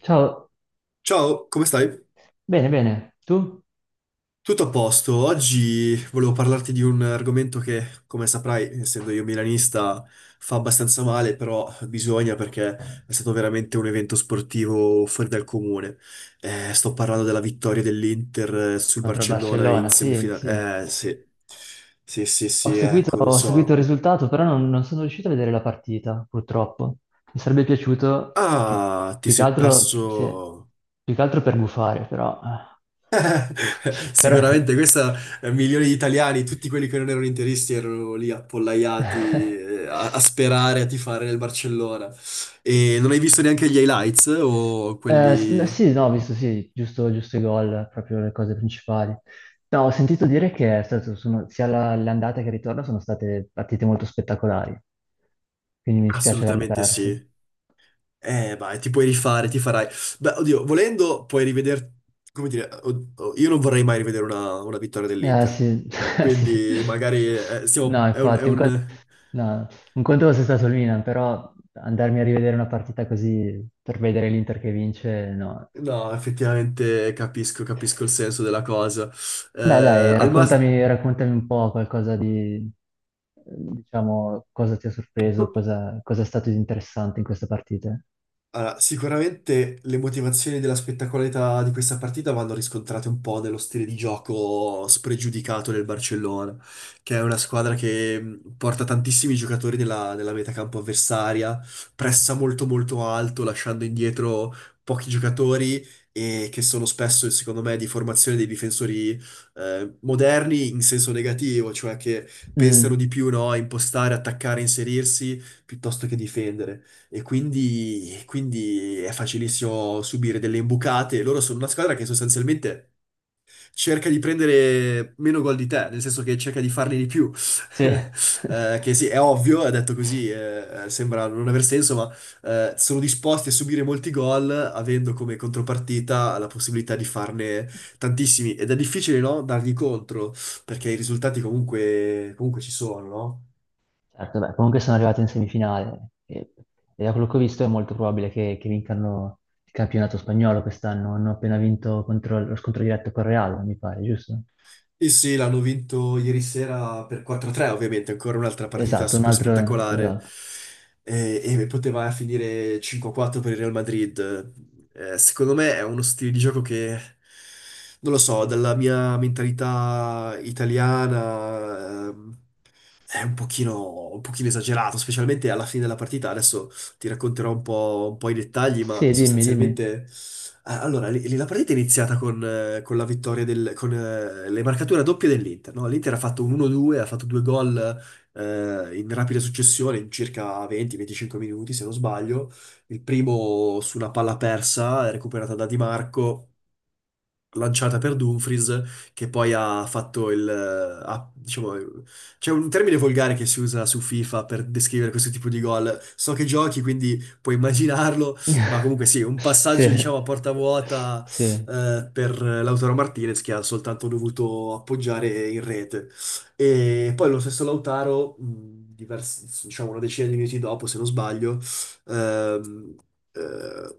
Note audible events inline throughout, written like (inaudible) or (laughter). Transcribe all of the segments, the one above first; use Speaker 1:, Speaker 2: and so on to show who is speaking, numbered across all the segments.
Speaker 1: Ciao,
Speaker 2: Ciao, come stai?
Speaker 1: bene, bene. Tu?
Speaker 2: Tutto a posto. Oggi volevo parlarti di un argomento che, come saprai, essendo io milanista, fa abbastanza male, però bisogna perché è stato veramente un evento sportivo fuori dal comune. Sto parlando della vittoria dell'Inter sul
Speaker 1: Contro il
Speaker 2: Barcellona in
Speaker 1: Barcellona, sì, sì.
Speaker 2: semifinale. Sì. Sì, sì, sì, ecco, non
Speaker 1: Ho seguito
Speaker 2: so.
Speaker 1: il risultato, però non sono riuscito a vedere la partita, purtroppo. Mi sarebbe piaciuto più,
Speaker 2: Ah, ti
Speaker 1: più che
Speaker 2: sei
Speaker 1: altro, sì,
Speaker 2: perso.
Speaker 1: più che altro per gufare, però...
Speaker 2: (laughs)
Speaker 1: (laughs) Però...
Speaker 2: Sicuramente questa, milioni di italiani, tutti quelli che non erano interisti erano lì appollaiati eh,
Speaker 1: (laughs)
Speaker 2: a, a sperare, a tifare nel Barcellona. E non hai visto neanche gli highlights o
Speaker 1: No,
Speaker 2: quelli.
Speaker 1: sì, no, ho visto, sì, giusto, giusto i gol, proprio le cose principali. No, ho sentito dire che sia l'andata che il ritorno sono state partite molto spettacolari, quindi mi dispiace averle
Speaker 2: Assolutamente
Speaker 1: perse.
Speaker 2: sì. Vai, ti puoi rifare, ti farai. Beh, oddio, volendo puoi rivedere. Come dire, oh, io non vorrei mai rivedere una vittoria
Speaker 1: Eh
Speaker 2: dell'Inter.
Speaker 1: sì, (laughs) sì.
Speaker 2: Quindi magari
Speaker 1: No,
Speaker 2: siamo. È un, è
Speaker 1: infatti, un conto,
Speaker 2: un.
Speaker 1: no, un conto fosse stato il Milan, però andarmi a rivedere una partita così per vedere l'Inter che vince, no.
Speaker 2: No, effettivamente capisco, capisco il senso della cosa.
Speaker 1: Beh,
Speaker 2: Eh,
Speaker 1: dai,
Speaker 2: Al massimo.
Speaker 1: raccontami, raccontami un po' qualcosa di, diciamo, cosa ti ha sorpreso, cosa, cosa è stato di interessante in questa partita.
Speaker 2: Allora, sicuramente le motivazioni della spettacolarità di questa partita vanno riscontrate un po' nello stile di gioco spregiudicato del Barcellona, che è una squadra che porta tantissimi giocatori nella metacampo avversaria, pressa molto molto alto, lasciando indietro pochi giocatori e che sono spesso, secondo me, di formazione dei difensori moderni in senso negativo, cioè che pensano
Speaker 1: Mm,
Speaker 2: di più, no, a impostare, attaccare, inserirsi piuttosto che difendere. E quindi è facilissimo subire delle imbucate. Loro sono una squadra che sostanzialmente cerca di prendere meno gol di te, nel senso che cerca di farne di più.
Speaker 1: sì.
Speaker 2: (laughs)
Speaker 1: (laughs)
Speaker 2: Che sì, è ovvio, è detto così, sembra non aver senso, ma sono disposti a subire molti gol avendo come contropartita la possibilità di farne tantissimi. Ed è difficile, no? Dargli contro, perché i risultati comunque ci sono, no?
Speaker 1: Certo, beh, comunque sono arrivati in semifinale e da quello che ho visto è molto probabile che vincano il campionato spagnolo quest'anno. Hanno appena vinto contro, lo scontro diretto con Real, mi pare, giusto?
Speaker 2: Sì, sì, l'hanno vinto ieri sera per 4-3, ovviamente, ancora un'altra partita
Speaker 1: Esatto, un
Speaker 2: super
Speaker 1: altro...
Speaker 2: spettacolare.
Speaker 1: Esatto.
Speaker 2: E poteva finire 5-4 per il Real Madrid. Secondo me è uno stile di gioco che, non lo so, dalla mia mentalità italiana, è un pochino esagerato, specialmente alla fine della partita. Adesso ti racconterò un po' i dettagli, ma
Speaker 1: Sì, dimmi, dimmi.
Speaker 2: sostanzialmente. Allora, lì la partita è iniziata con la vittoria del, con le marcature doppie dell'Inter, no? L'Inter ha fatto un 1-2, ha fatto due gol in rapida successione, in circa 20-25 minuti, se non sbaglio. Il primo su una palla persa, recuperata da Di Marco lanciata per Dumfries, che poi ha fatto diciamo, c'è un termine volgare che si usa su FIFA per descrivere questo tipo di gol. So che giochi, quindi puoi immaginarlo, ma comunque sì,
Speaker 1: (laughs)
Speaker 2: un
Speaker 1: Sì,
Speaker 2: passaggio, diciamo, a porta vuota
Speaker 1: sì.
Speaker 2: per Lautaro Martinez, che ha soltanto dovuto appoggiare in rete. E poi lo stesso Lautaro, diciamo una decina di minuti dopo, se non sbaglio, ehm, eh,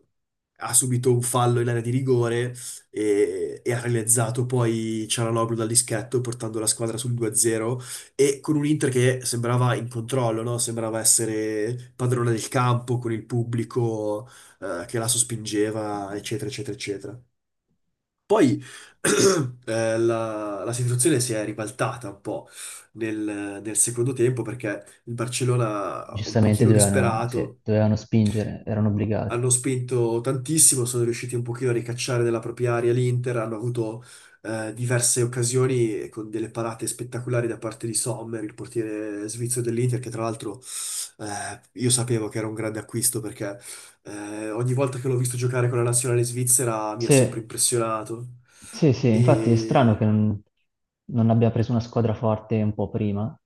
Speaker 2: ha subito un fallo in area di rigore e ha realizzato poi Cialanoglu dal dischetto portando la squadra sul 2-0 e con un Inter che sembrava in controllo, no? Sembrava essere padrone del campo con il pubblico che la sospingeva, eccetera, eccetera, eccetera. Poi (clears throat) la situazione si è ribaltata un po' nel secondo tempo perché il Barcellona un
Speaker 1: Giustamente
Speaker 2: pochino
Speaker 1: dovevano, sì,
Speaker 2: disperato
Speaker 1: dovevano spingere, erano obbligati.
Speaker 2: hanno spinto tantissimo, sono riusciti un pochino a ricacciare nella propria area l'Inter, hanno avuto diverse occasioni con delle parate spettacolari da parte di Sommer, il portiere svizzero dell'Inter, che tra l'altro io sapevo che era un grande acquisto perché ogni volta che l'ho visto giocare con la nazionale svizzera mi ha
Speaker 1: Sì,
Speaker 2: sempre impressionato.
Speaker 1: sì, sì, infatti è strano
Speaker 2: E
Speaker 1: che non, non abbia preso una squadra forte un po' prima.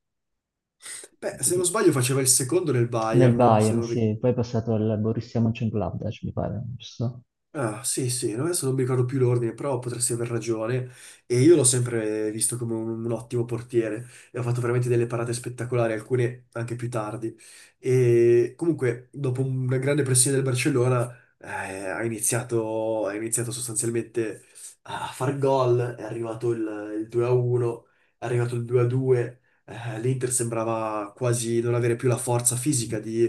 Speaker 2: beh, se non
Speaker 1: Perché-
Speaker 2: sbaglio faceva il secondo nel
Speaker 1: Nel
Speaker 2: Bayern. Se
Speaker 1: Bayern,
Speaker 2: non ri-
Speaker 1: sì, poi è passato al Borussia Mönchengladbach, mi pare, giusto?
Speaker 2: Ah, sì, sì, no, adesso non mi ricordo più l'ordine, però potresti aver ragione. E io l'ho sempre visto come un ottimo portiere e ha fatto veramente delle parate spettacolari, alcune anche più tardi. E comunque, dopo una grande pressione del Barcellona, eh, ha iniziato sostanzialmente a far gol. È arrivato il 2-1, è arrivato il 2-2. L'Inter sembrava quasi non avere più la forza fisica di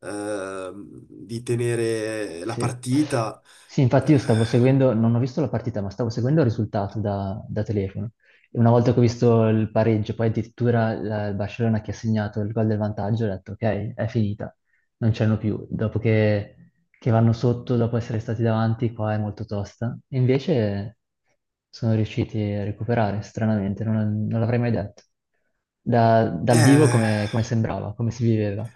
Speaker 2: ehm, di tenere la
Speaker 1: Sì.
Speaker 2: partita,
Speaker 1: Sì, infatti io
Speaker 2: eh,
Speaker 1: stavo seguendo, non ho visto la partita, ma stavo seguendo il risultato da, da telefono. E una volta che ho visto il pareggio, poi addirittura il Barcellona che ha segnato il gol del vantaggio, ho detto ok, è finita, non c'erano più. Dopo che vanno sotto, dopo essere stati davanti, qua è molto tosta. E invece sono riusciti a recuperare, stranamente, non l'avrei mai detto. Dal vivo
Speaker 2: eh,
Speaker 1: come, come sembrava, come si viveva.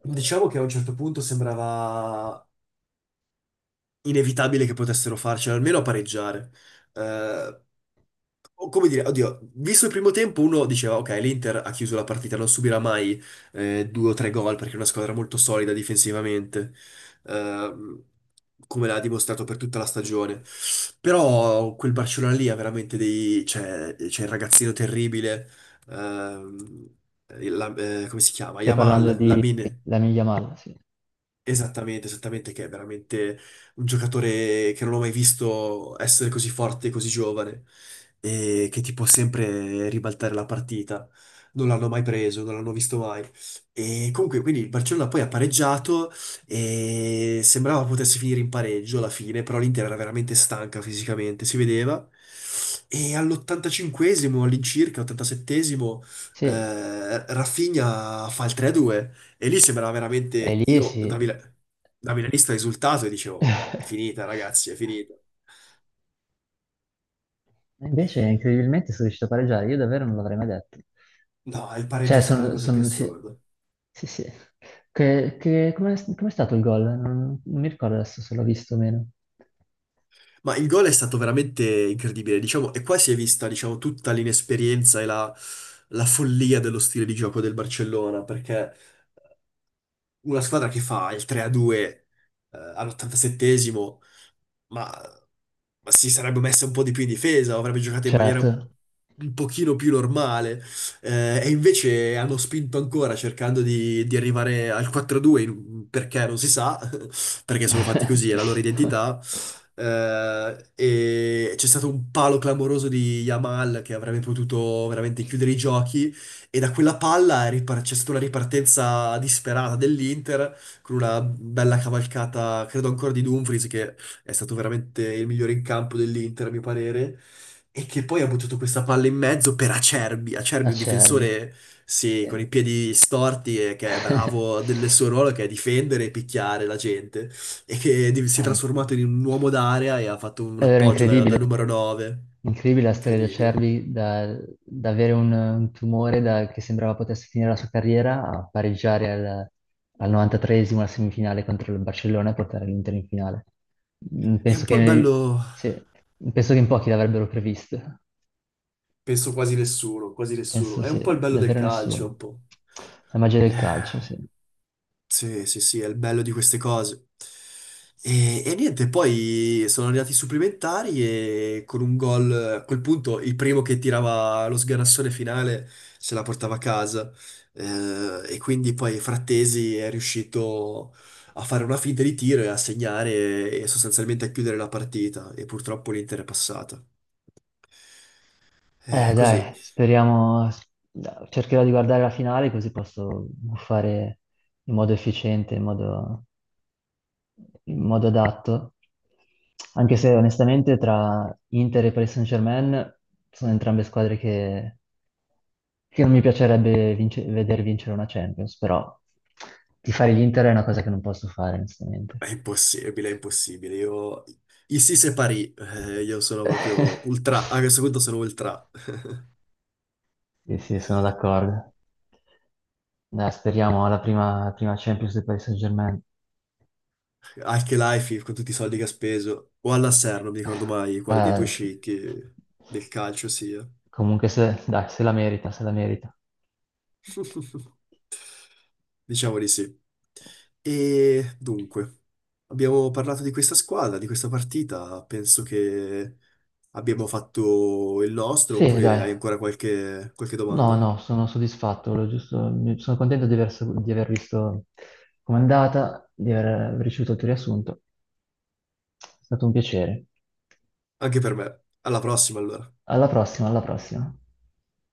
Speaker 2: diciamo che a un certo punto sembrava inevitabile che potessero farcela, almeno a pareggiare. Eh, o come dire, oddio, visto il primo tempo uno diceva, ok, l'Inter ha chiuso la partita, non subirà mai due o tre gol perché è una squadra molto solida difensivamente, ehm, come l'ha dimostrato per tutta la stagione. Però quel Barcellona lì ha veramente dei... c'è c'è il ragazzino terribile, ehm, come si chiama?
Speaker 1: Stai parlando
Speaker 2: Yamal,
Speaker 1: di
Speaker 2: Lamine.
Speaker 1: Lamine Yamal, sì.
Speaker 2: Esattamente, esattamente, che è veramente un giocatore che non ho mai visto essere così forte e così giovane e che ti può sempre ribaltare la partita. Non l'hanno mai preso, non l'hanno visto mai. E comunque, quindi il Barcellona poi ha pareggiato e sembrava potesse finire in pareggio alla fine, però l'Inter era veramente stanca fisicamente, si vedeva. E all85 all'incirca, 87esimo,
Speaker 1: Sì, e
Speaker 2: Rafinha fa il 3-2. E lì sembrava veramente
Speaker 1: lì
Speaker 2: io
Speaker 1: sì.
Speaker 2: da milanista risultato e dicevo, è
Speaker 1: (laughs)
Speaker 2: finita ragazzi, è finita.
Speaker 1: Invece incredibilmente sono riuscito a pareggiare, io davvero non l'avrei mai detto.
Speaker 2: No, il pareggio
Speaker 1: Cioè,
Speaker 2: è stata la cosa più
Speaker 1: sì,
Speaker 2: assurda.
Speaker 1: sì. Sì. Che, com'è stato il gol? Non, non mi ricordo adesso se l'ho visto o meno.
Speaker 2: Ma il gol è stato veramente incredibile, diciamo, e qua si è vista, diciamo, tutta l'inesperienza e la follia dello stile di gioco del Barcellona, perché una squadra che fa il 3-2 all'87esimo ma, ma si sarebbe messa un po' di più in difesa, o avrebbe giocato in maniera un
Speaker 1: Certo.
Speaker 2: un pochino più normale. E invece hanno spinto ancora cercando di arrivare al 4-2, perché non si sa, (laughs) perché sono fatti così, è la loro identità.
Speaker 1: (laughs)
Speaker 2: E c'è stato un palo clamoroso di Yamal che avrebbe potuto veramente chiudere i giochi e da quella palla c'è stata una ripartenza disperata dell'Inter con una bella cavalcata, credo ancora di Dumfries che è stato veramente il migliore in campo dell'Inter, a mio parere, e che poi ha buttato questa palla in mezzo per Acerbi. Acerbi, un
Speaker 1: Acerbi.
Speaker 2: difensore, sì, con i
Speaker 1: Sì.
Speaker 2: piedi storti e che è
Speaker 1: (laughs)
Speaker 2: bravo del suo ruolo, che è difendere e picchiare la gente, e si è
Speaker 1: Dai.
Speaker 2: trasformato in un uomo d'area e ha fatto un
Speaker 1: È vero,
Speaker 2: appoggio da
Speaker 1: incredibile.
Speaker 2: numero 9.
Speaker 1: Incredibile la storia di
Speaker 2: Incredibile.
Speaker 1: Acerbi, da, da avere un tumore che sembrava potesse finire la sua carriera a pareggiare al, al 93esimo la semifinale contro il Barcellona e portare l'Inter in finale. Mm,
Speaker 2: È
Speaker 1: penso
Speaker 2: un po' il
Speaker 1: che,
Speaker 2: bello,
Speaker 1: sì, penso che in pochi l'avrebbero previsto.
Speaker 2: penso quasi nessuno,
Speaker 1: Penso
Speaker 2: è un
Speaker 1: sì,
Speaker 2: po' il bello del
Speaker 1: davvero
Speaker 2: calcio, un
Speaker 1: nessuno.
Speaker 2: po'.
Speaker 1: La magia del calcio, sì.
Speaker 2: Sì, sì, sì, è il bello di queste cose. E niente, poi sono arrivati i supplementari e con un gol, a quel punto il primo che tirava lo sganassone finale se la portava a casa. E quindi poi Frattesi è riuscito a fare una finta di tiro e a segnare e sostanzialmente a chiudere la partita. E purtroppo l'Inter è passata. Così.
Speaker 1: Dai, speriamo, cercherò di guardare la finale così posso fare in modo efficiente, in modo adatto, anche se onestamente tra Inter e Paris Saint-Germain sono entrambe squadre che non mi piacerebbe veder vincere una Champions, però tifare l'Inter è una cosa che non posso fare, onestamente.
Speaker 2: È impossibile, è impossibile. Io. I Sisse Parì, io sono proprio ultra, a
Speaker 1: (laughs)
Speaker 2: questo punto sono ultra.
Speaker 1: Sì, sì, sono d'accordo. Dai, speriamo alla prima Champions del Paris Saint-Germain.
Speaker 2: Anche Life con tutti i soldi che ha speso, o all'Asser, non mi ricordo mai quale dei
Speaker 1: Eh,
Speaker 2: due sceicchi del calcio sia.
Speaker 1: comunque, se, dai, se la merita, se la merita.
Speaker 2: (laughs) Diciamo di sì. E dunque, abbiamo parlato di questa squadra, di questa partita, penso che abbiamo fatto il nostro,
Speaker 1: Sì,
Speaker 2: oppure hai
Speaker 1: dai.
Speaker 2: ancora qualche
Speaker 1: No,
Speaker 2: domanda?
Speaker 1: no, sono soddisfatto, volevo sono contento di aver, di aver visto com'è andata, di aver ricevuto il tuo riassunto. È stato un piacere.
Speaker 2: Anche per me. Alla prossima allora.
Speaker 1: Alla prossima, alla prossima.